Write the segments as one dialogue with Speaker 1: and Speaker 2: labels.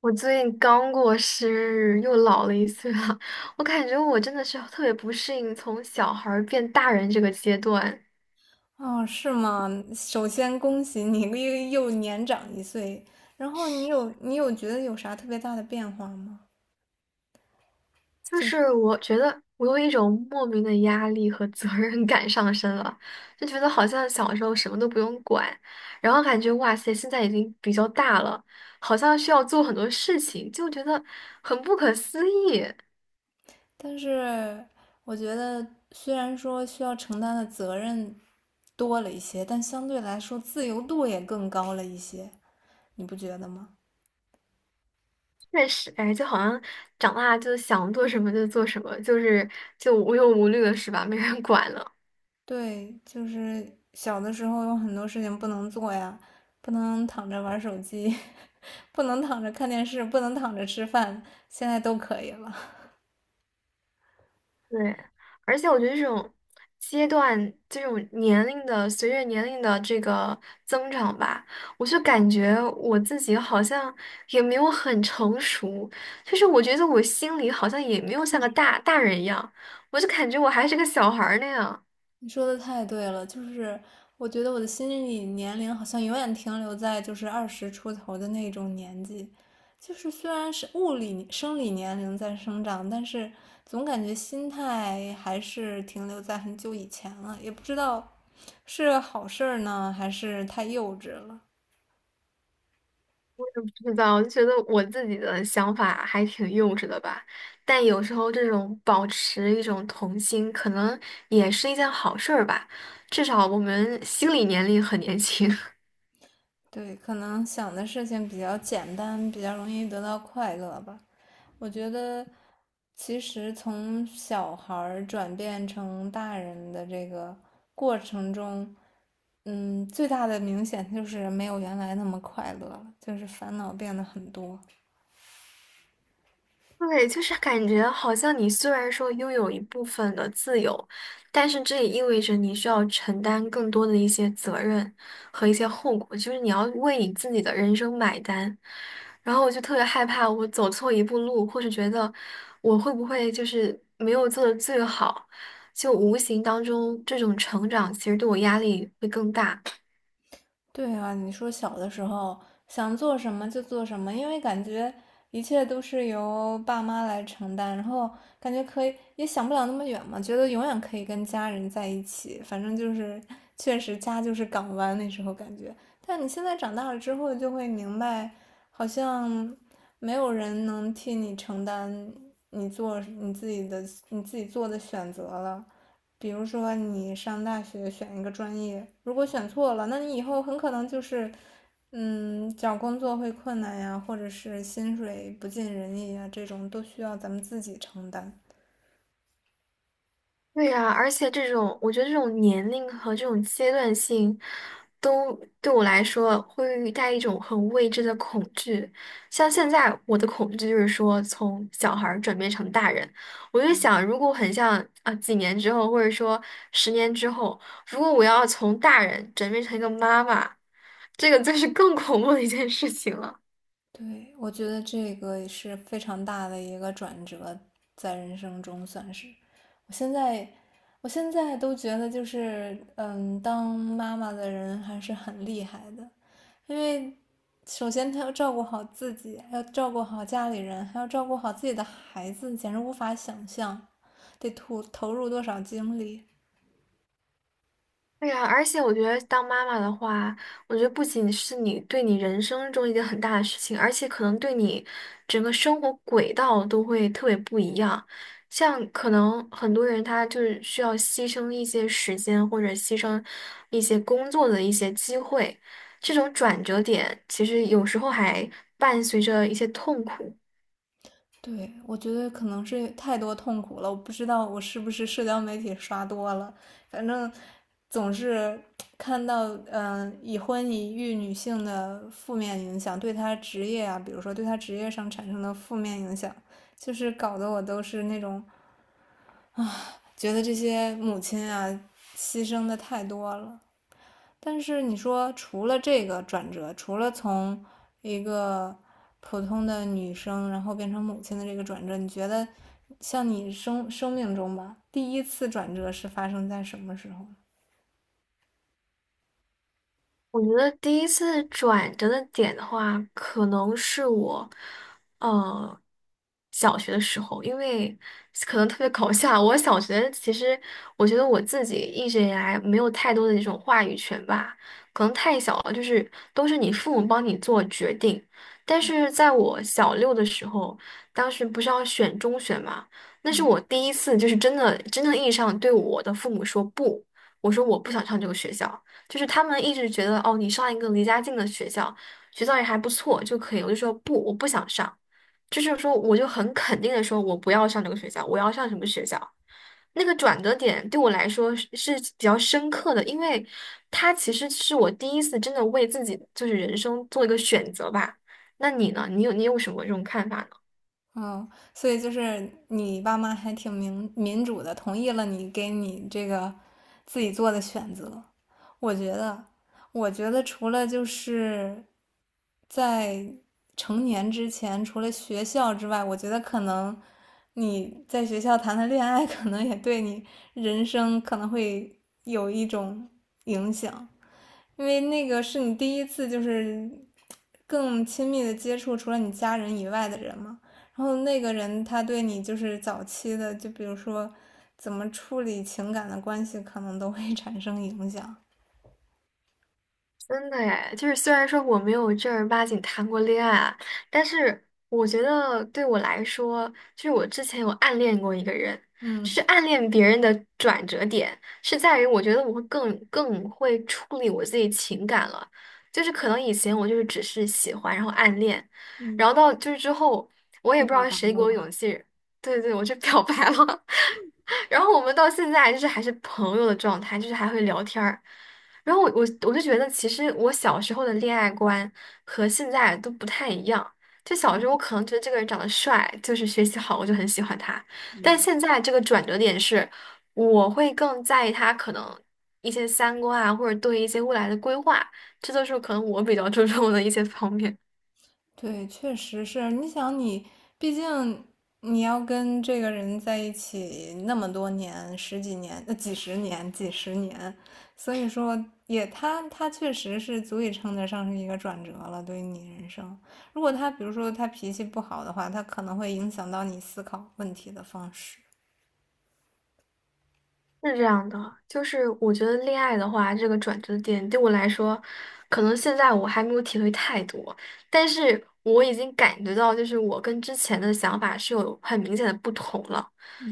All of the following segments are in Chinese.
Speaker 1: 我最近刚过生日，又老了一岁了。我感觉我真的是特别不适应从小孩儿变大人这个�阶段，
Speaker 2: 哦，是吗？首先恭喜你又年长一岁，然后你有觉得有啥特别大的变化吗？
Speaker 1: 就
Speaker 2: 就是，
Speaker 1: 是我觉得我有一种莫名的压力和责任感上升了，就觉得好像小时候什么都不用管，然后感觉哇塞，现在已经比较大了，好像需要做很多事情，就觉得很不可思议。
Speaker 2: 但是我觉得虽然说需要承担的责任多了一些，但相对来说自由度也更高了一些，你不觉得吗？
Speaker 1: 确实，哎，就好像长大就想做什么就做什么，就是就无忧无虑了，是吧？没人管了。
Speaker 2: 对，就是小的时候有很多事情不能做呀，不能躺着玩手机，不能躺着看电视，不能躺着吃饭，现在都可以了。
Speaker 1: 对，而且我觉得这种阶段、这种年龄的随着年龄的这个增长吧，我就感觉我自己好像也没有很成熟，就是我觉得我心里好像也没有像个大大人一样，我就感觉我还是个小孩儿那样。
Speaker 2: 你说的太对了，就是我觉得我的心理年龄好像永远停留在就是二十出头的那种年纪，就是虽然是物理生理年龄在生长，但是总感觉心态还是停留在很久以前了，也不知道是好事儿呢，还是太幼稚了。
Speaker 1: 不知道，我就觉得我自己的想法还挺幼稚的吧。但有时候这种保持一种童心，可能也是一件好事儿吧，至少我们心理年龄很年轻。
Speaker 2: 对，可能想的事情比较简单，比较容易得到快乐吧。我觉得，其实从小孩儿转变成大人的这个过程中，最大的明显就是没有原来那么快乐了，就是烦恼变得很多。
Speaker 1: 对，就是感觉好像你虽然说拥有一部分的自由，但是这也意味着你需要承担更多的一些责任和一些后果，就是你要为你自己的人生买单。然后我就特别害怕我走错一步路，或是觉得我会不会就是没有做的最好，就无形当中这种成长其实对我压力会更大。
Speaker 2: 对啊，你说小的时候想做什么就做什么，因为感觉一切都是由爸妈来承担，然后感觉可以也想不了那么远嘛，觉得永远可以跟家人在一起，反正就是确实家就是港湾那时候感觉。但你现在长大了之后就会明白，好像没有人能替你承担你做你自己的你自己做的选择了。比如说你上大学选一个专业，如果选错了，那你以后很可能就是，找工作会困难呀，或者是薪水不尽人意呀，这种都需要咱们自己承担。
Speaker 1: 对呀，而且这种，我觉得这种年龄和这种阶段性，都对我来说会带一种很未知的恐惧。像现在我的恐惧就是说，从小孩儿转变成大人，我就想，如果很像啊，几年之后，或者说十年之后，如果我要从大人转变成一个妈妈，这个就是更 恐怖的一件事情了。
Speaker 2: 对，我觉得这个也是非常大的一个转折，在人生中算是。我现在，我现在都觉得就是，当妈妈的人还是很厉害的。因为首先他要照顾好自己，还要照顾好家里人，还要照顾好自己的孩子，简直无法想象得投入多少精力。
Speaker 1: 对呀，而且我觉得当妈妈的话，我觉得不仅是你对你人生中一件很大的事情，而且可能对你整个生活轨道都会特别不一样。像可能很多人他就是需要牺牲一些时间，或者牺牲一些工作的一些机会，这种转折点其实有时候还伴随着一些痛苦。
Speaker 2: 对，我觉得可能是太多痛苦了，我不知道我是不是社交媒体刷多了，反正总是看到，已婚已育女性的负面影响，对她职业啊，比如说对她职业上产生的负面影响，就是搞得我都是那种觉得这些母亲啊牺牲的太多了。但是你说，除了这个转折，除了从一个普通的女生，然后变成母亲的这个转折，你觉得像你生命中吧，第一次转折是发生在什么时候？
Speaker 1: 我觉得第一次转折的点的话，可能是我，呃，小学的时候，因为可能特别搞笑。我小学其实，我觉得我自己一直以来没有太多的那种话语权吧，可能太小了，就是都是你父母帮你做决定。但是在我小六的时候，当时不是要选中学嘛，那是
Speaker 2: 嗯，
Speaker 1: 我第一次就是真的真正意义上对我的父母说不，我说我不想上这个学校。就是他们一直觉得哦，你上一个离家近的学校，学校也还不错就可以。我就说不，我不想上，就是说我就很肯定的说，我不要上这个学校，我要上什么学校。那个转折点对我来说是比较深刻的，因为它其实是我第一次真的为自己就是人生做一个选择吧。那你呢？你有什么这种看法呢？
Speaker 2: 哦，所以就是你爸妈还挺民主的，同意了你自己做的选择。我觉得，我觉得除了就是在成年之前，除了学校之外，我觉得可能你在学校谈的恋爱，可能也对你人生可能会有一种影响，因为那个是你第一次就是更亲密的接触除了你家人以外的人嘛。然后那个人他对你就是早期的，就比如说怎么处理情感的关系，可能都会 产生影响。
Speaker 1: 真的哎，就是虽然说我没有正儿八经谈过恋爱啊，但是我觉得对我来说，就是我之前有暗恋过一个人，
Speaker 2: 嗯
Speaker 1: 就是暗恋别人的转折点是在于，我觉得我会更会处理我自己情感了，就是可能以前我就是只是喜欢，然后暗恋，然后
Speaker 2: 嗯，
Speaker 1: 到就是之后，我也
Speaker 2: 你
Speaker 1: 不知
Speaker 2: 表
Speaker 1: 道
Speaker 2: 白
Speaker 1: 谁
Speaker 2: 了
Speaker 1: 给我
Speaker 2: 吗？
Speaker 1: 勇气，对对对，我就表白了。然后我们到现在就是还是朋友的状态，就是还会聊天儿。然后我就觉得，其实我小时候的恋爱观和现在都不太一样。就小时候我可能觉得这个人长得帅，就是学习好，我就很喜欢他。但现在这个转折点是，我会更在意他可能一些三观啊，或者对一些未来的规划，这都是可能我比较 注重的一些方面。
Speaker 2: 对，确实是。你想你，毕竟你要跟这个人在一起那么多年，十几年、几十年，所以说也他确实是足以称得上是一个转折了，对于你人生。如果他比如说他脾气不好的话，他可能会影响到你思考问题的方式。
Speaker 1: 是这样的，就是我觉得恋爱的话，这个转折点对我来说，可能现在我还没有体会太多，但是我已经感觉到，就是我跟之前的想法是有很明显的不同了。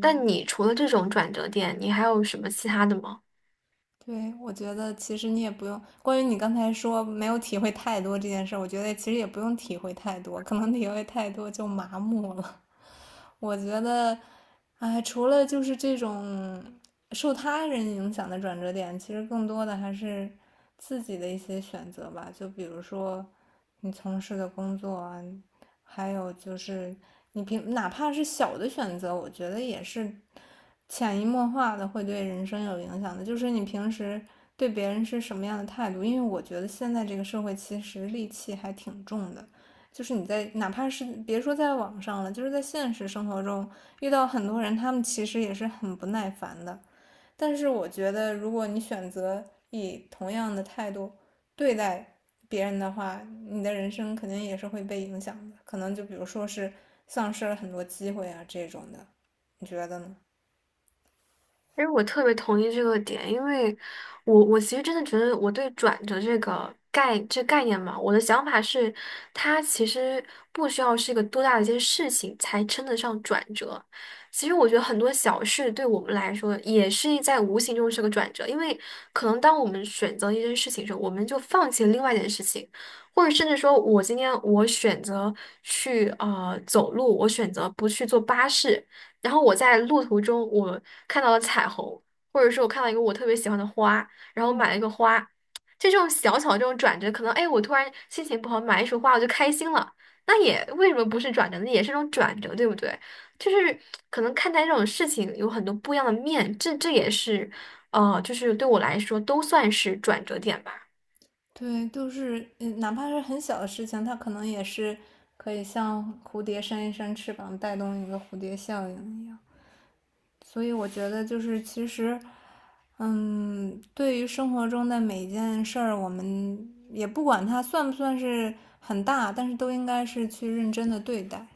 Speaker 1: 但你除了这种转折点，你还有什么其他的吗？
Speaker 2: 对，我觉得其实你也不用，关于你刚才说没有体会太多这件事儿，我觉得其实也不用体会太多，可能体会太多就麻木了。我觉得，哎，除了就是这种受他人影响的转折点，其实更多的还是自己的一些选择吧。就比如说你从事的工作啊，还有就是你平哪怕是小的选择，我觉得也是潜移默化的会对人生有影响的。就是你平时对别人是什么样的态度，因为我觉得现在这个社会其实戾气还挺重的。就是你在哪怕是别说在网上了，就是在现实生活中遇到很多人，他们其实也是很不耐烦的。但是我觉得，如果你选择以同样的态度对待别人的话，你的人生肯定也是会被影响的，可能就比如说是丧失了很多机会啊这种的，你觉得呢？
Speaker 1: 其实我特别同意这个点，因为我其实真的觉得我对转折这个概念嘛，我的想法是，它其实不需要是一个多大的一件事情才称得上转折。其实我觉得很多小事对我们来说也是在无形中是个转折，因为可能当我们选择一件事情的时候，我们就放弃了另外一件事情，或者甚至说我今天我选择去走路，我选择不去坐巴士。然后我在路途中，我看到了彩虹，或者说我看到一个我特别喜欢的花，然后买了一个花，就这种小小的这种转折，可能哎，我突然心情不好买一束花，我就开心了，那也为什么不是转折那也是一种转折，对不对？就是可能看待这种事情有很多不一样的面，这也是，呃，就是对我来说都算是转折点吧。
Speaker 2: 对，就是哪怕是很小的事情，它可能也是可以像蝴蝶扇一扇翅膀，带动一个蝴蝶效应一样。所以我觉得就是其实，对于生活中的每一件事儿，我们也不管它算不算是很大，但是都应该是去认真的对待。